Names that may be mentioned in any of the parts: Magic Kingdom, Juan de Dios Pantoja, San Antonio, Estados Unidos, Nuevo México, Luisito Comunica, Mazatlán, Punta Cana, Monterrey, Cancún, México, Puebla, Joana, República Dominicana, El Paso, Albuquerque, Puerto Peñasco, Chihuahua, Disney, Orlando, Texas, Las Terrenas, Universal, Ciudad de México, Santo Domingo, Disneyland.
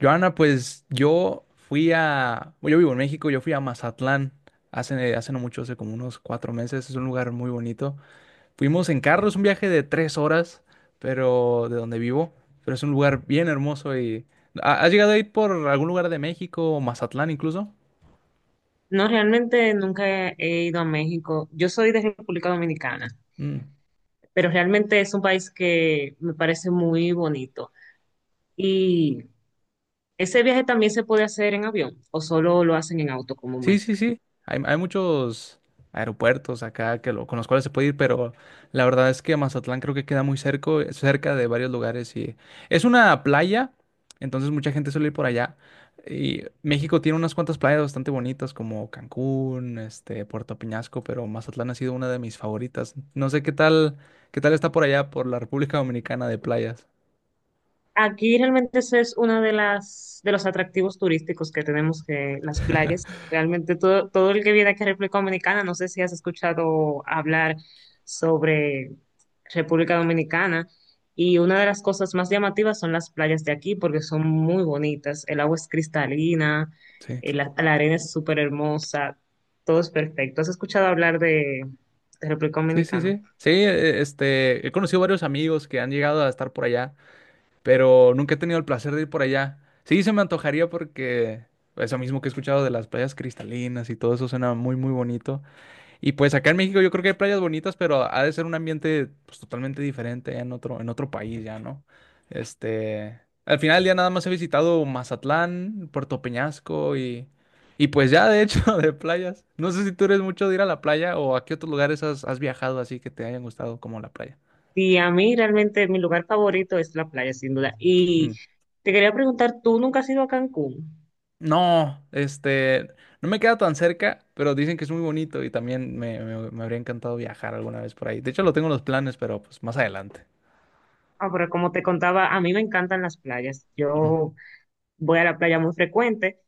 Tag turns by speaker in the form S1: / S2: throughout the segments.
S1: Joana, pues yo fui a, bueno, yo vivo en México, yo fui a Mazatlán hace no mucho, hace como unos 4 meses, es un lugar muy bonito. Fuimos en carro, es un viaje de 3 horas, pero de donde vivo, pero es un lugar bien hermoso y... ¿Has llegado a ir por algún lugar de México o Mazatlán incluso?
S2: No, realmente nunca he ido a México. Yo soy de República Dominicana,
S1: Mm.
S2: pero realmente es un país que me parece muy bonito. Y ese viaje también se puede hacer en avión o solo lo hacen en auto
S1: Sí,
S2: comúnmente.
S1: sí, sí. Hay muchos aeropuertos acá con los cuales se puede ir, pero la verdad es que Mazatlán creo que queda muy cerca, cerca de varios lugares y es una playa, entonces mucha gente suele ir por allá. Y México tiene unas cuantas playas bastante bonitas como Cancún, Puerto Peñasco, pero Mazatlán ha sido una de mis favoritas. No sé qué tal está por allá, por la República Dominicana de playas.
S2: Aquí realmente eso es uno de los atractivos turísticos que tenemos, que las playas. Realmente todo el que viene aquí a República Dominicana, no sé si has escuchado hablar sobre República Dominicana, y una de las cosas más llamativas son las playas de aquí, porque son muy bonitas. El agua es cristalina,
S1: Sí.
S2: la arena es súper hermosa, todo es perfecto. ¿Has escuchado hablar de República
S1: Sí, sí,
S2: Dominicana?
S1: sí. Sí, he conocido varios amigos que han llegado a estar por allá. Pero nunca he tenido el placer de ir por allá. Sí, se me antojaría porque eso mismo que he escuchado de las playas cristalinas y todo eso suena muy, muy bonito. Y pues acá en México yo creo que hay playas bonitas, pero ha de ser un ambiente pues, totalmente diferente en otro país ya, ¿no? Este, Al final ya nada más he visitado Mazatlán, Puerto Peñasco y, pues ya de hecho de playas. No sé si tú eres mucho de ir a la playa o a qué otros lugares has viajado así que te hayan gustado como la playa.
S2: Sí, a mí realmente mi lugar favorito es la playa, sin duda.
S1: Mm.
S2: Y te quería preguntar, ¿tú nunca has ido a Cancún?
S1: No, no me queda tan cerca, pero dicen que es muy bonito y también me habría encantado viajar alguna vez por ahí. De hecho, lo tengo en los planes, pero pues más adelante.
S2: Ah, pero como te contaba, a mí me encantan las playas.
S1: Mm,
S2: Yo voy a la playa muy frecuente,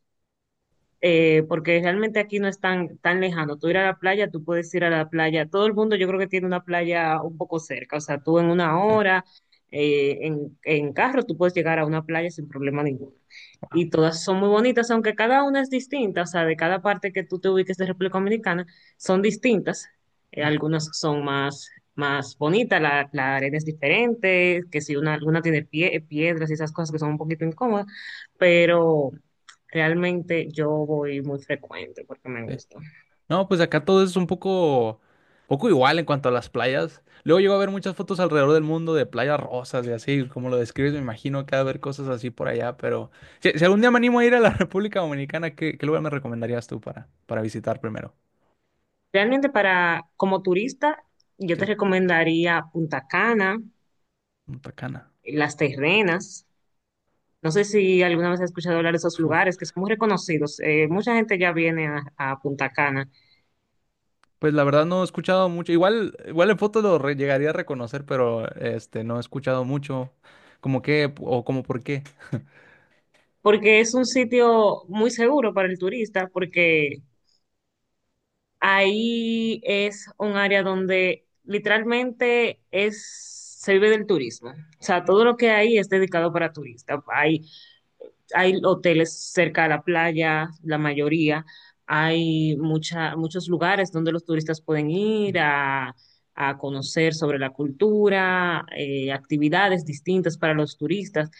S2: porque realmente aquí no es tan lejano. Tú ir a la playa, tú puedes ir a la playa. Todo el mundo yo creo que tiene una playa un poco cerca. O sea, tú en una
S1: sí,
S2: hora, en, carro, tú puedes llegar a una playa sin problema ninguno.
S1: wow.
S2: Y todas son muy bonitas, aunque cada una es distinta. O sea, de cada parte que tú te ubiques de República Dominicana, son distintas.
S1: Mm,
S2: Algunas son más bonitas, la arena es diferente, que si alguna tiene piedras y esas cosas que son un poquito incómodas. Pero realmente yo voy muy frecuente porque me
S1: sí.
S2: gusta.
S1: No, pues acá todo es un poco igual en cuanto a las playas. Luego llego a ver muchas fotos alrededor del mundo de playas rosas y así, como lo describes, me imagino que ha de haber cosas así por allá, pero si algún día me animo a ir a la República Dominicana, ¿qué lugar me recomendarías tú para visitar primero?
S2: Realmente, para, como turista, yo te
S1: Sí,
S2: recomendaría Punta Cana,
S1: Punta Cana.
S2: Las Terrenas. No sé si alguna vez has escuchado hablar de esos
S1: Uf.
S2: lugares que son muy reconocidos. Mucha gente ya viene a, Punta Cana
S1: Pues la verdad no he escuchado mucho. Igual en foto llegaría a reconocer, pero no he escuchado mucho. ¿Como qué? O como por qué.
S2: porque es un sitio muy seguro para el turista, porque ahí es un área donde literalmente se vive del turismo. O sea, todo lo que hay es dedicado para turistas. Hay hoteles cerca de la playa, la mayoría. Hay muchos lugares donde los turistas pueden ir a conocer sobre la cultura, actividades distintas para los turistas.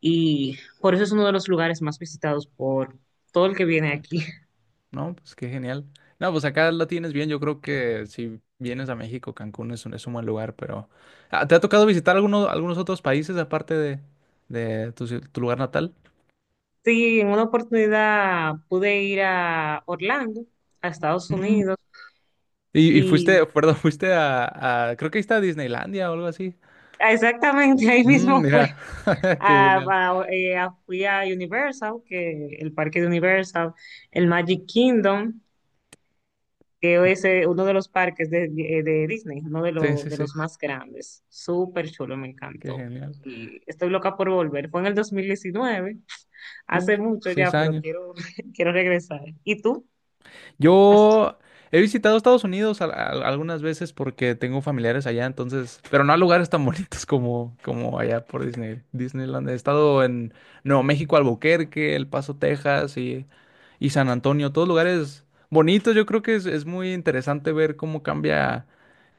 S2: Y por eso es uno de los lugares más visitados por todo el que viene
S1: Ok.
S2: aquí.
S1: No, pues qué genial. No, pues acá la tienes bien. Yo creo que si vienes a México, Cancún es un buen lugar, pero Ah, ¿te ha tocado visitar algunos otros países aparte de tu lugar natal?
S2: Sí, en una oportunidad pude ir a Orlando, a Estados
S1: Mm.
S2: Unidos,
S1: Y
S2: y
S1: fuiste, perdón, fuiste creo que ahí está Disneylandia o algo así.
S2: exactamente ahí
S1: Mm,
S2: mismo fue
S1: mira, qué
S2: A,
S1: genial.
S2: a- fui a Universal, que el parque de Universal, el Magic Kingdom, que es, uno de los parques de Disney, uno de,
S1: Sí,
S2: lo-
S1: sí,
S2: de
S1: sí,
S2: los más grandes. Súper chulo, me
S1: qué
S2: encantó.
S1: genial.
S2: Y estoy loca por volver. Fue en el 2019,
S1: Uf,
S2: hace mucho
S1: seis
S2: ya, pero
S1: años.
S2: quiero, quiero regresar. ¿Y tú? ¿Has-
S1: Yo he visitado Estados Unidos algunas veces porque tengo familiares allá, entonces, pero no a lugares tan bonitos como allá por Disney, Disneyland. He estado en Nuevo México, Albuquerque, El Paso, Texas y San Antonio, todos lugares bonitos. Yo creo que es muy interesante ver cómo cambia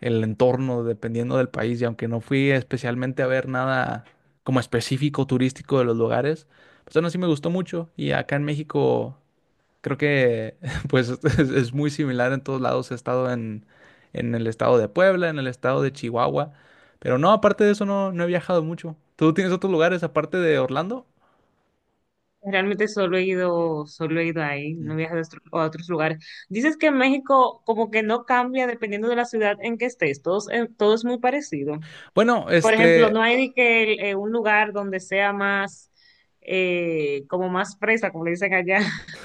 S1: el entorno dependiendo del país. Y aunque no fui especialmente a ver nada como específico turístico de los lugares, pues aún así me gustó mucho. Y acá en México. Creo que pues es muy similar en todos lados. He estado en el estado de Puebla, en el estado de Chihuahua, pero no, aparte de eso no he viajado mucho. ¿Tú tienes otros lugares aparte de Orlando?
S2: Realmente solo he ido ahí, no
S1: Mm.
S2: he viajado a a otros lugares. Dices que en México como que no cambia dependiendo de la ciudad en que estés, todo es muy parecido.
S1: Bueno.
S2: Por ejemplo, no hay ni que, un lugar donde sea como más fresa, como le dicen allá.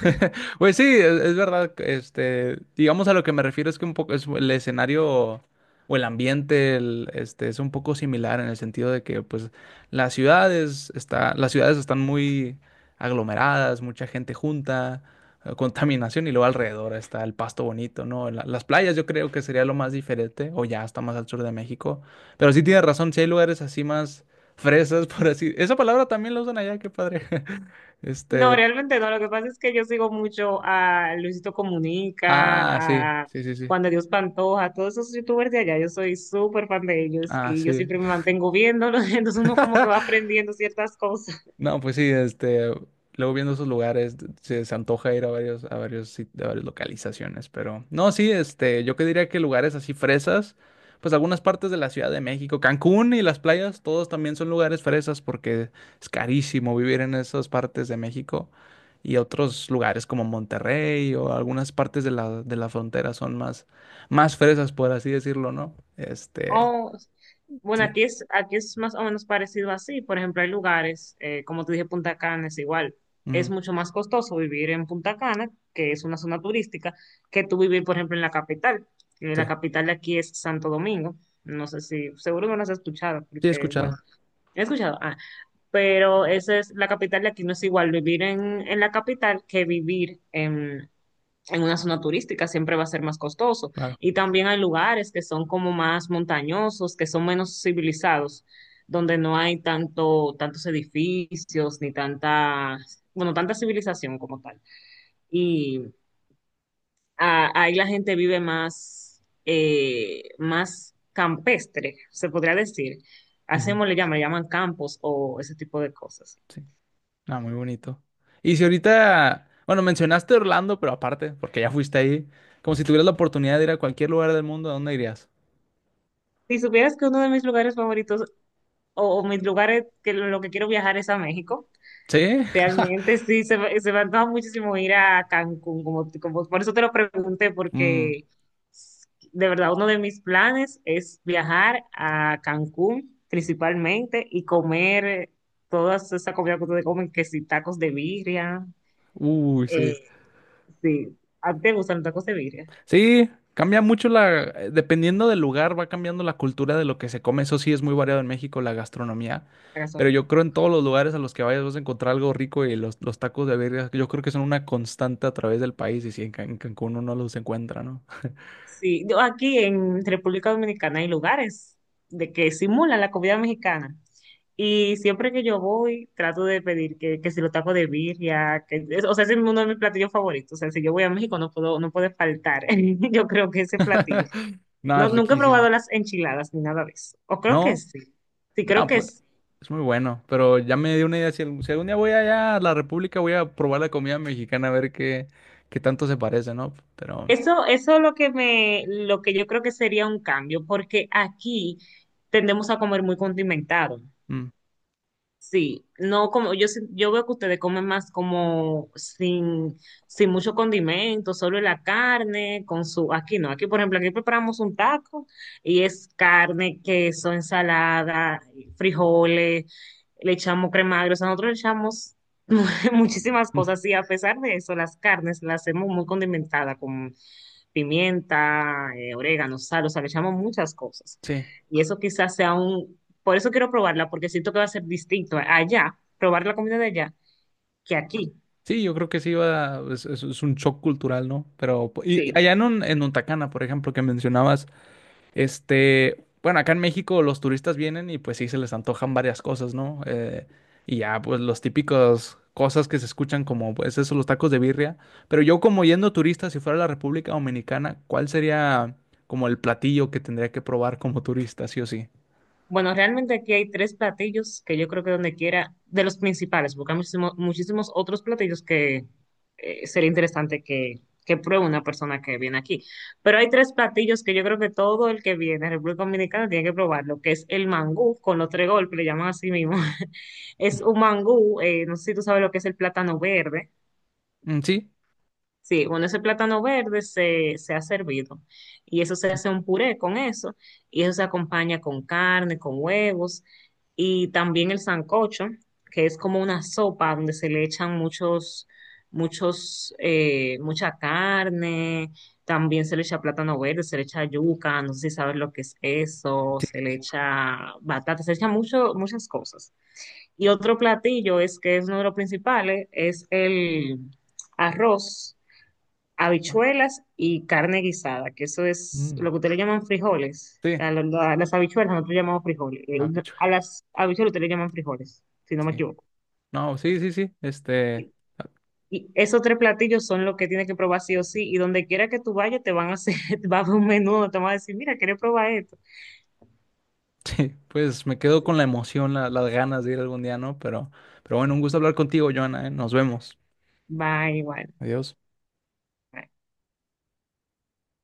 S1: Pues sí, es verdad, digamos a lo que me refiero es que un poco es el escenario o el ambiente, es un poco similar en el sentido de que, pues, las ciudades están muy aglomeradas, mucha gente junta, contaminación y luego alrededor está el pasto bonito, ¿no? Las playas yo creo que sería lo más diferente o ya está más al sur de México, pero sí tienes razón, si hay lugares así más fresas, por así, esa palabra también la usan allá, qué padre,
S2: No,
S1: este,
S2: realmente no. Lo que pasa es que yo sigo mucho a Luisito Comunica,
S1: ah, sí,
S2: a
S1: sí, sí, sí.
S2: Juan de Dios Pantoja, todos esos youtubers de allá. Yo soy súper fan de ellos
S1: Ah,
S2: y yo
S1: sí.
S2: siempre me mantengo viéndolos. Entonces uno como que va aprendiendo ciertas cosas.
S1: No, pues sí, luego viendo esos lugares, se antoja ir a varias localizaciones, pero no, sí, yo que diría que lugares así fresas, pues algunas partes de la Ciudad de México, Cancún y las playas, todos también son lugares fresas porque es carísimo vivir en esas partes de México y otros lugares como Monterrey o algunas partes de la frontera son más fresas, por así decirlo, ¿no?
S2: Oh, bueno,
S1: Sí,
S2: aquí es más o menos parecido así. Por ejemplo, hay lugares, como te dije, Punta Cana es igual. Es
S1: ujú,
S2: mucho más costoso vivir en Punta Cana, que es una zona turística, que tú vivir, por ejemplo, en la capital. La
S1: sí,
S2: capital de aquí es Santo Domingo. No sé seguro no lo has escuchado,
S1: sí, he
S2: porque,
S1: escuchado,
S2: bueno, he escuchado. Ah, pero esa es la capital de aquí, no es igual vivir en, la capital que vivir en una zona turística. Siempre va a ser más costoso.
S1: claro.
S2: Y también hay lugares que son como más montañosos, que son menos civilizados, donde no hay tantos edificios ni bueno, tanta civilización como tal. Y ahí la gente vive más campestre, se podría decir.
S1: Ujú.
S2: Le llaman campos o ese tipo de cosas.
S1: Sí. Ah, muy bonito. Y si ahorita, bueno, mencionaste Orlando, pero aparte, porque ya fuiste ahí, como si tuvieras la oportunidad de ir a cualquier lugar del mundo, ¿a dónde irías?
S2: Si supieras que uno de mis lugares favoritos, o mis lugares que lo que quiero viajar es a México.
S1: ¿Sí?
S2: Realmente sí, se me antoja muchísimo ir a Cancún, por eso te lo pregunté,
S1: Mm.
S2: porque de verdad uno de mis planes es viajar a Cancún principalmente y comer toda esa comida que ustedes comen, que si tacos de birria,
S1: Uy,
S2: eh,
S1: sí.
S2: sí. ¿A ti te gustan los tacos de birria?
S1: Sí, cambia mucho dependiendo del lugar, va cambiando la cultura de lo que se come. Eso sí es muy variado en México, la gastronomía.
S2: La
S1: Pero yo
S2: gastronomía.
S1: creo en todos los lugares a los que vayas vas a encontrar algo rico y los tacos de birria, yo creo que son una constante a través del país y si en Cancún uno los encuentra, ¿no?
S2: Sí, yo aquí en República Dominicana hay lugares de que simulan la comida mexicana. Y siempre que yo voy, trato de pedir que, si los tacos de birria, o sea, ese es uno de mis platillos favoritos. O sea, si yo voy a México no puedo, no puede faltar. Yo creo que ese platillo.
S1: Nada,
S2: No,
S1: es
S2: nunca he
S1: riquísimo.
S2: probado las enchiladas ni nada de eso. O creo que
S1: No,
S2: sí. Sí, creo
S1: no,
S2: que
S1: pues
S2: sí.
S1: es muy bueno, pero ya me dio una idea. Si algún día voy allá a la República, voy a probar la comida mexicana a ver qué, tanto se parece, ¿no? Pero
S2: Eso es lo que yo creo que sería un cambio, porque aquí tendemos a comer muy condimentado.
S1: mm,
S2: Sí, no como yo, yo veo que ustedes comen más como sin mucho condimento, solo la carne con su, aquí no, aquí por ejemplo, aquí preparamos un taco y es carne, queso, ensalada, frijoles, le echamos crema agria. O sea, nosotros le echamos muchísimas
S1: mm,
S2: cosas, y a pesar de eso las carnes las hacemos muy condimentadas con pimienta, orégano, sal, o sea, le echamos muchas cosas.
S1: sí,
S2: Y eso quizás sea un por eso quiero probarla, porque siento que va a ser distinto allá, probar la comida de allá, que aquí.
S1: sí, yo creo que sí va, es un shock cultural, ¿no? Pero y
S2: Sí.
S1: allá en Untacana, por ejemplo, que mencionabas, bueno, acá en México los turistas vienen y pues sí se les antojan varias cosas, ¿no? Y ya, pues los típicos cosas que se escuchan como, pues eso, los tacos de birria. Pero yo como yendo turista, si fuera a la República Dominicana, ¿cuál sería como el platillo que tendría que probar como turista, sí o sí?
S2: Bueno, realmente aquí hay tres platillos que yo creo que donde quiera, de los principales, porque hay muchísimos otros platillos que, sería interesante que pruebe una persona que viene aquí. Pero hay tres platillos que yo creo que todo el que viene a República Dominicana tiene que probarlo, que es el mangú con los tres golpes, le llaman así mismo. Es un mangú, no sé si tú sabes lo que es el plátano verde.
S1: Mm, ¿Sí?
S2: Sí, bueno, ese plátano verde se ha servido, y eso se hace un puré con eso, y eso se acompaña con carne, con huevos, y también el sancocho, que es como una sopa donde se le echan mucha carne, también se le echa plátano verde, se le echa yuca, no sé si sabes lo que es eso,
S1: Sí,
S2: se
S1: sí,
S2: le
S1: sí.
S2: echa batata, se le echa muchas cosas. Y otro platillo, es que es uno de los principales, es el arroz,
S1: Mar-
S2: habichuelas y carne guisada, que eso es
S1: Mm.
S2: lo que ustedes le llaman frijoles.
S1: Sí.
S2: A las habichuelas nosotros llamamos frijoles.
S1: Ah,
S2: A las habichuelas ustedes le llaman frijoles, si no me
S1: sí.
S2: equivoco.
S1: No, sí, sí, sí.
S2: Y y esos tres platillos son los que tienes que probar sí o sí. Y donde quiera que tú vayas, te van a hacer, va a haber un menú, te van a decir, mira, ¿quieres probar esto?
S1: Sí, pues me quedo
S2: Sí.
S1: con la emoción, las ganas de ir algún día, ¿no? Pero bueno, un gusto hablar contigo, Joana, ¿eh? Nos vemos.
S2: Va igual.
S1: Adiós.